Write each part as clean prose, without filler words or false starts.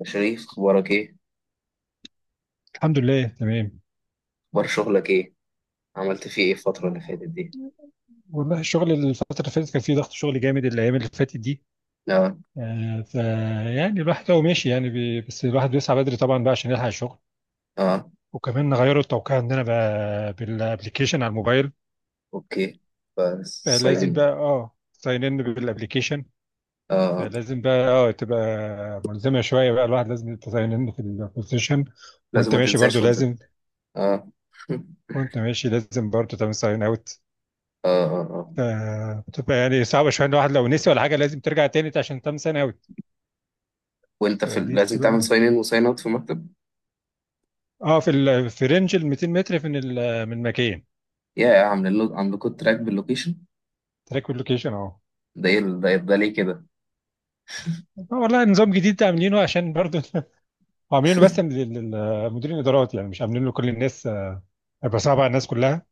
يا شريف، اخبارك ايه؟ الحمد لله تمام. اخبار شغلك ايه؟ عملت فيه ايه الفترة اللي فاتت دي؟ والله الشغل الفترة اللي فاتت كان فيه ضغط شغل جامد الأيام اللي فاتت دي. لا. فيعني الواحد هو ماشي يعني بس الواحد بيسعى بدري طبعا بقى عشان يلحق الشغل. اه. وكمان غيروا التوقيع عندنا بقى بالابلكيشن على الموبايل. اوكي. بس فلازم صايلين. بقى ساين ان بالابلكيشن. اه، فلازم بقى تبقى ملزمة شوية بقى، الواحد لازم تساين ان في البوزيشن، لازم وانت ما ماشي برضو تنساش وانت لازم، اه. وانت ماشي لازم برضو تعمل ساين اوت. اه. آه. بتبقى يعني صعبة شوية إن الواحد لو نسي ولا حاجة لازم ترجع تاني عشان تم سنة أوي. وانت دي لازم تعمل بتبقى ساين ان وساين اوت في المكتب؟ في رينج ال 200 متر من مكان يا يا عاملين له عاملكوا تراك باللوكيشن؟ تراك لوكيشن اه ده ايه ال- ده, إيه- ده ليه كده؟ والله نظام جديد عاملينه عشان برضه عاملينه بس للمديرين الادارات يعني مش عاملينه لكل الناس. هيبقى صعب على الناس كلها.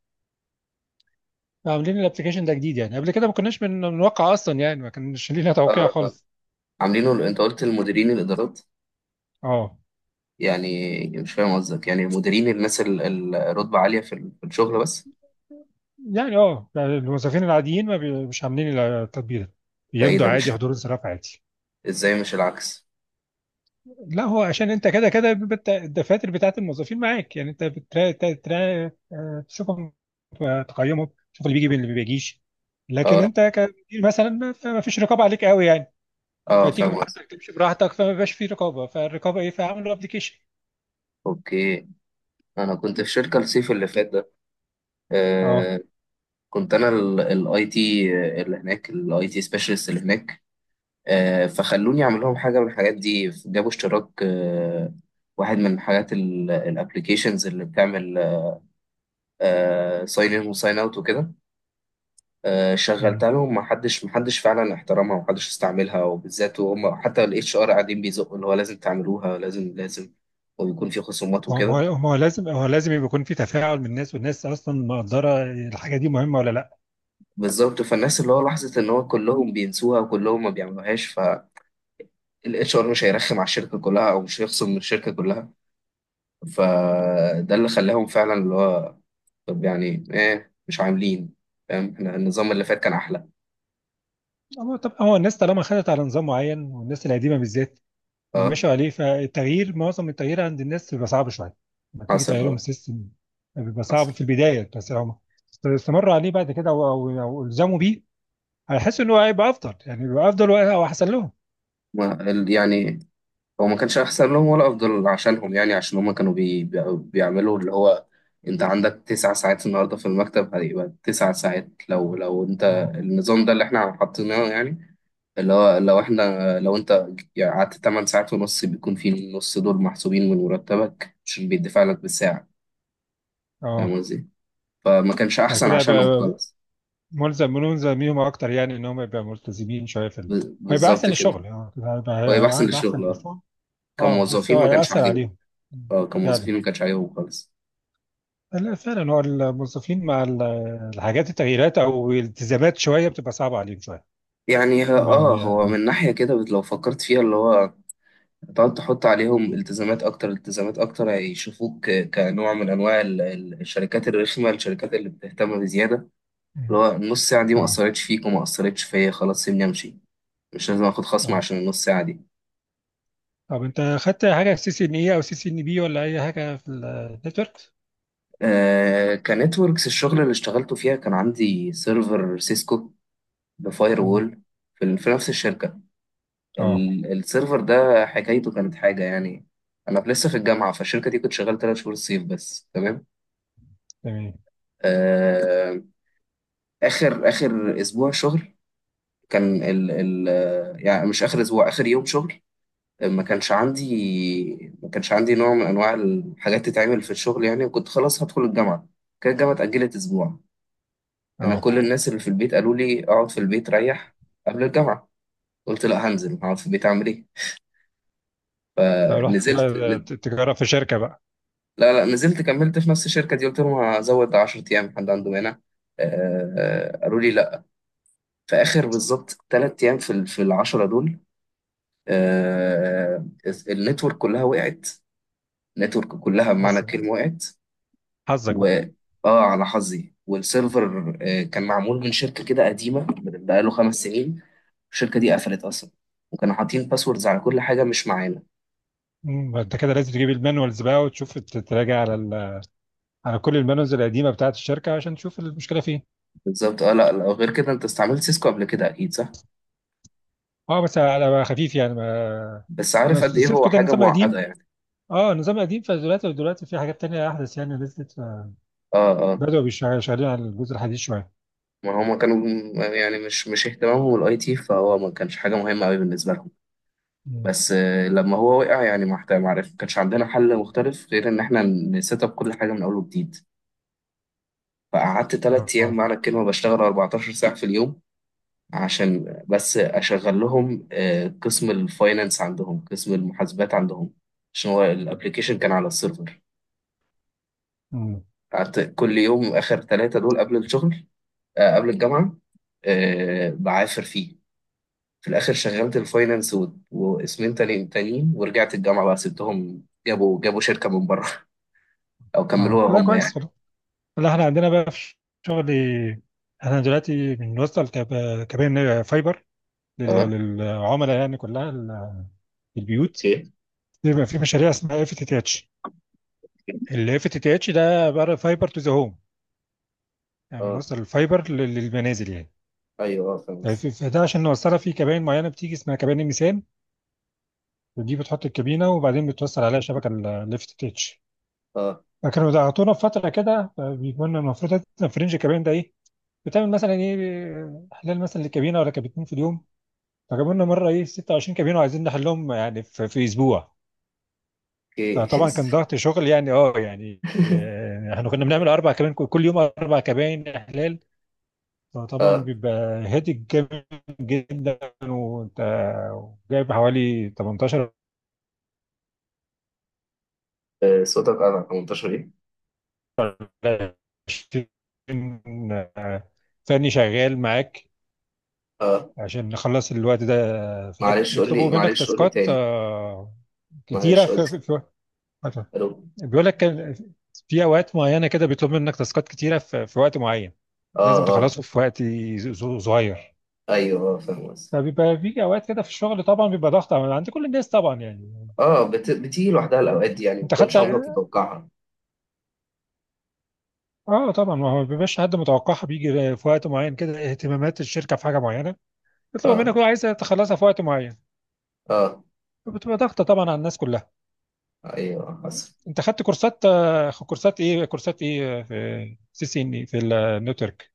عاملين الابلكيشن ده جديد، يعني قبل كده ما كناش بنوقع اصلا، يعني ما كانش لينا توقيع اه. آه. خالص. عاملينه انت قلت المديرين الادارات؟ اه، يعني مش فاهم قصدك، يعني المديرين الناس الرتبة عالية في الشغل بس؟ يعني الموظفين العاديين ما بي... مش عاملين التطبيق ده، ده ايه بيمضوا ده؟ عادي، مش حضور انصراف عادي. ازاي؟ مش العكس؟ لا، هو عشان انت كده كده بيبقى الدفاتر بتاعت الموظفين معاك، يعني انت بترا تا- ترا- آه، تشوفهم، تقيمهم، تشوف اللي بيجي واللي ما بيجيش. لكن اه. انت كمدير مثلا ما فيش رقابه عليك قوي يعني، اه، فتيجي فاهم قصدك. براحتك تمشي براحتك، فما بيبقاش في رقابه، فالرقابه ايه، فعملوا ابلكيشن. اوكي. انا كنت في شركه الصيف اللي فات ده. اه. آه، كنت انا الاي تي اللي هناك، الاي تي سبيشالست اللي هناك. آه، فخلوني اعمل لهم حاجه من الحاجات دي، جابوا اشتراك واحد من حاجات الابلكيشنز اللي بتعمل ساين ان وساين اوت وكده. مم. شغلتها لهم. محدش فعلا احترمها ومحدش استعملها، وبالذات وهم حتى الاتش ار قاعدين بيزقوا اللي هو لازم تعملوها، لازم لازم. وبيكون في خصومات ما هو وكده. ما هو ما هو لازم هو لازم يبقى يكون في تفاعل من الناس، والناس اصلا مقدره الحاجه دي مهمه ولا لا. بالظبط، فالناس اللي هو لاحظت ان هو كلهم بينسوها وكلهم ما بيعملوهاش. فالاتش ار مش هيرخم على الشركه كلها، او مش هيخصم من الشركه كلها. فده اللي خلاهم فعلا اللي هو، طب يعني ايه مش عاملين؟ فاهم؟ احنا النظام اللي فات كان احلى. هو طب هو الناس طالما خدت على نظام معين، والناس القديمه بالذات اه، وماشوا عليه، فالتغيير، معظم التغيير عند الناس بيبقى صعب شويه لما تيجي حصل. تغيرهم اه، السيستم. بيبقى صعب حصل. في البدايه، بس هم استمروا عليه بعد كده او او أو الزموا بيه، هيحسوا ان هو هيبقى افضل، يعني بيبقى افضل او احسن لهم. ما ال- يعني هو ما كانش احسن لهم ولا افضل عشانهم، يعني عشان هم كانوا بيعملوا اللي هو، انت عندك 9 ساعات النهارده في المكتب، هيبقى 9 ساعات لو انت اه، النظام ده اللي احنا حاطيناه، يعني اللي هو لو احنا لو انت يعني قعدت 8 ساعات ونص، بيكون في النص دول محسوبين من مرتبك عشان بيدفع لك بالساعة. اه. فاهم قصدي؟ فما كانش أحسن فكده عشانهم هيبقى خالص. ملزم بيهم اكتر، يعني ان هم يبقى ملتزمين شويه في ال... هيبقى بالظبط احسن كده. الشغل. اه، كده هو يبقى هيبقى، أحسن هيبقى للشغل، احسن اه الشغل. اه بس كموظفين هو ما كانش هيأثر عاجبهم. عليهم اه، فعلا. كموظفين ما كانش عاجبهم خالص. لا فعلا هو الموظفين مع الحاجات، التغييرات او الالتزامات شويه بتبقى صعبه عليهم شويه. يعني تمام هو يا. من ناحية كده لو فكرت فيها اللي هو، هتقعد تحط عليهم التزامات أكتر، التزامات أكتر، هيشوفوك كنوع من أنواع الشركات الرخمة، الشركات اللي بتهتم بزيادة اللي هو النص ساعة دي ما اه، أثرتش فيك وما أثرتش فيا، خلاص سيبني أمشي، مش لازم آخد خصم اه. عشان النص ساعة دي. طب انت خدت حاجه سي سي ان اي او سي سي ان بي ولا اي حاجه في النتورك؟ آه كنتوركس، الشغل اللي اشتغلته فيها كان عندي سيرفر سيسكو، بفاير مم. وول في نفس الشركة. اه السيرفر ده حكايته كانت حاجة يعني. أنا لسه في الجامعة، فالشركة دي كنت شغال 3 شهور الصيف بس، تمام. تمام. آه، آخر آخر أسبوع شغل كان ال ال آه، يعني مش آخر يوم شغل، ما كانش عندي نوع من انواع الحاجات تتعمل في الشغل يعني، وكنت خلاص هدخل الجامعه. كانت الجامعه اتاجلت اسبوع. اه، كل الناس اللي في البيت قالوا لي اقعد في البيت ريح قبل الجامعه. قلت لا، هنزل، هقعد في البيت اعمل ايه؟ رحت فنزلت. بقى تجرب في شركه بقى، لا لا، نزلت كملت في نفس الشركه دي، قلت لهم هزود 10 ايام، حد عنده هنا؟ آه، قالوا لي لا. في اخر بالظبط 3 ايام في العشره دول، آه، النتورك كلها وقعت. النتورك كلها بمعنى حظك، الكلمه وقعت. حظك و بقى. اه على حظي. والسيرفر كان معمول من شركة كده قديمة، من بقاله 5 سنين. الشركة دي قفلت أصلا، وكانوا حاطين باسوردز على كل حاجة مش معانا. مم. انت كده لازم تجيب المانوالز بقى وتشوف تراجع على ال... على كل المانوالز القديمه بتاعت الشركه عشان تشوف المشكله فين. بالظبط. اه لا لا، غير كده انت استعملت سيسكو قبل كده أكيد صح؟ اه بس على خفيف يعني. ما بس انا عارف قد ايه سبت، هو كنت حاجة نظام معقدة قديم. يعني. اه نظام قديم، فدلوقتي في حاجات تانية أحدث يعني نزلت، اه. اه، شغالين على الجزء الحديث شوية. ما هما كانوا، يعني مش اهتمامهم الاي تي، فهو ما كانش حاجة مهمة قوي بالنسبة لهم. مم. بس لما هو وقع يعني ما عرف، ما كانش عندنا حل مختلف غير ان احنا نسيت اب كل حاجة من اول وجديد. فقعدت 3 أيام اه. معنى الكلمة بشتغل 14 ساعة في اليوم عشان بس أشغل لهم قسم الفاينانس عندهم، قسم المحاسبات عندهم، عشان هو الأبليكيشن كان على السيرفر. مم. قعدت كل يوم آخر 3 دول قبل الشغل، قبل الجامعة، بعافر فيه. في الآخر شغلت الفاينانس واسمين تانيين، ورجعت الجامعة بقى، سبتهم، جابوا شركة من بره أو اه كملوها لا، هم يعني. كويس والله. لا احنا عندنا بقى في شغل. احنا دلوقتي بنوصل كباين فايبر اه، للعملاء، يعني كلها ال- في البيوت، اوكي. بيبقى في مشاريع اسمها اف تي تي اتش. الاف تي تي اتش ده عبارة فايبر تو ذا هوم، يعني اه، بنوصل الفايبر للمنازل يعني. ايوه، اه، فاهم قصدك. فده عشان نوصلها في كباين معينة بتيجي اسمها كباين الميزان، دي بتحط الكابينة وبعدين بتوصل عليها شبكة الليفت تيتش. اه، فكانوا ضغطونا في فترة كده، بيكون المفروض مثلا فرنج الكابينة ده إيه، بتعمل مثلا إيه إحلال مثلا للكابينة، ولا كابتين في اليوم. فجابوا لنا مرة إيه 26 كابينة وعايزين نحلهم يعني في أسبوع. اوكي فطبعا كان ضغط شغل، يعني أه يعني آه، إحنا كنا بنعمل أربع كابين كل يوم، أربع كابين إحلال. فطبعا بيبقى هادي جامد جدا. وأنت جايب حوالي 18 آه، صوتك قطع. 18 ايه؟ 20 ثاني شغال معاك اه. عشان نخلص الوقت ده في الوقت. معلش قول لي يطلبوا منك معلش قول لي تاسكات تاني. كتيرة معلش، في, قلت. في, في الو. بيقول لك، كان في أوقات معينة كده بيطلب منك تاسكات كتيرة في وقت معين، اه. لازم اه، تخلصه في وقت صغير. ايوه، اه، فاهم قصدي. فبيبقى في أوقات كده في الشغل، طبعا بيبقى ضغط عند كل الناس طبعا يعني. اه، بتيجي لوحدها الاوقات دي يعني، ما انت خدت. كنتش عمرك متوقعها. اه طبعا، ما هو ما بيبقاش حد متوقعها، بيجي في وقت معين كده اهتمامات الشركة في حاجة معينة، بيطلبوا اه. منك كل عايزه تخلصها في وقت معين، اه، بتبقى ضغطه طبعا على الناس كلها. ايوه، حصل. انت خدت كورسات، كورسات ايه، في سي سي ان، في النتورك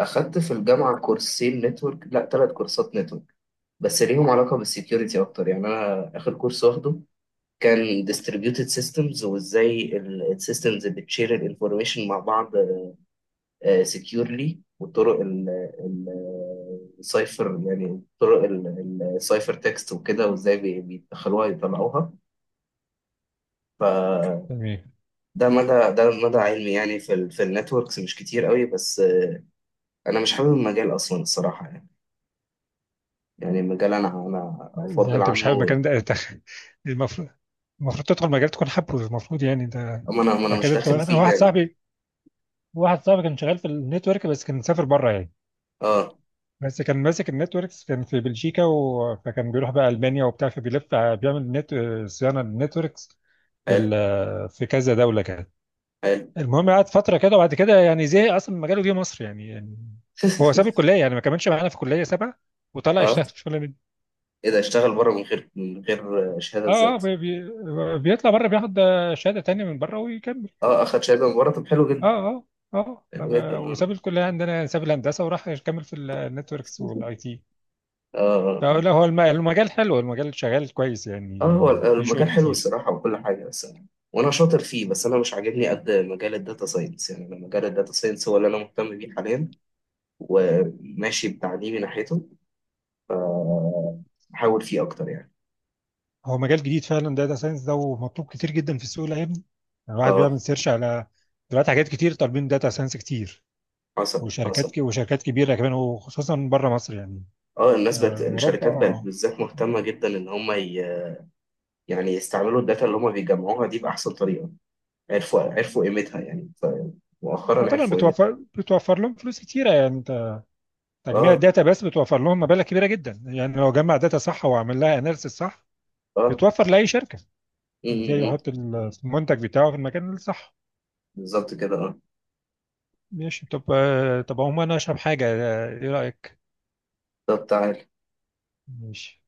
اخدت في الجامعه كورسين نتورك، لا 3 كورسات نتورك، بس ليهم علاقه بالسكيورتي اكتر يعني. انا اخر كورس واخده كان distributed systems، وازاي السيستمز بتشير الانفورميشن مع بعض سكيورلي والطرق السايفر، يعني طرق السايفر تكست وكده، وازاي بيدخلوها يطلعوها. فده يعني. مدى، ده مدى علمي يعني في النتوركس، مش كتير قوي. بس انا مش حابب المجال اصلا الصراحه يعني. يعني المجال، انا إذا افضل انت مش حابب عنه. المكان ده، المفروض، المفروض تدخل مجال تكون حابه، المفروض يعني ده. اما انا أما انا مش كده انت، داخل انا فيه واحد يعني. صاحبي، كان شغال في النتورك بس كان مسافر بره يعني. اه، بس كان ماسك النتوركس، كان في بلجيكا و... فكان بيروح بقى المانيا وبتاع، فبيلف بيعمل نت... صيانه للنتوركس في ال... حلو. في كذا دوله كده. حلو المهم قعد فتره كده وبعد كده يعني زهق اصلا من مجاله، جه مصر يعني. هو ساب الكليه يعني، ما كملش معانا في الكليه، سابها وطلع اه، يشتغل شغل من. ايه ده؟ اشتغل بره من غير شهاده اه ازاي؟ اه، بي بي بيطلع بره بياخد شهاده تانية من بره ويكمل. اه، اخد شهاده من بره، طب حلو اه، جدا. اه، اه، حلو جدا. وساب اه. الكليه عندنا يعني، ساب الهندسه وراح يكمل في النتوركس والاي تي. اه. آه. فلا هو المجال حلو، المجال شغال كويس اه، هو يعني، في شغل المجال حلو كتير. الصراحة وكل حاجة، بس أنا، وأنا شاطر فيه، بس أنا مش عاجبني قد مجال الداتا ساينس. يعني أنا مجال الداتا ساينس هو اللي أنا مهتم بيه حاليا، وماشي بتعليمي ناحيته، بحاول فيه أكتر يعني. هو مجال جديد فعلا داتا ساينس ده، ومطلوب كتير جدا في السوق الايام دي، يعني الواحد اه، بيعمل سيرش على دلوقتي حاجات كتير طالبين داتا ساينس كتير. حصل. وشركات حصل. وشركات كبيره كمان، وخصوصا بره مصر يعني، اه، الناس بقت، اوروبا. الشركات بقت اه، بالذات مهتمة جدا إن هم يعني يستعملوا الداتا اللي هم بيجمعوها دي بأحسن طريقة. عرفوا قيمتها يعني، مؤخرا طبعا عرفوا قيمتها. بتوفر لهم فلوس كتيره يعني. انت تجميع اه. الداتا بس بتوفر لهم مبالغ كبيره جدا، يعني لو جمع داتا صح وعمل لها اناليسيس صح، اه. بتوفر لاي شركه م- ازاي م- م. يحط المنتج بتاعه في المكان الصح. بالظبط كده. اه. ماشي. طب طب عموما انا اشرب حاجه، ايه رايك؟ طب تعال. ماشي.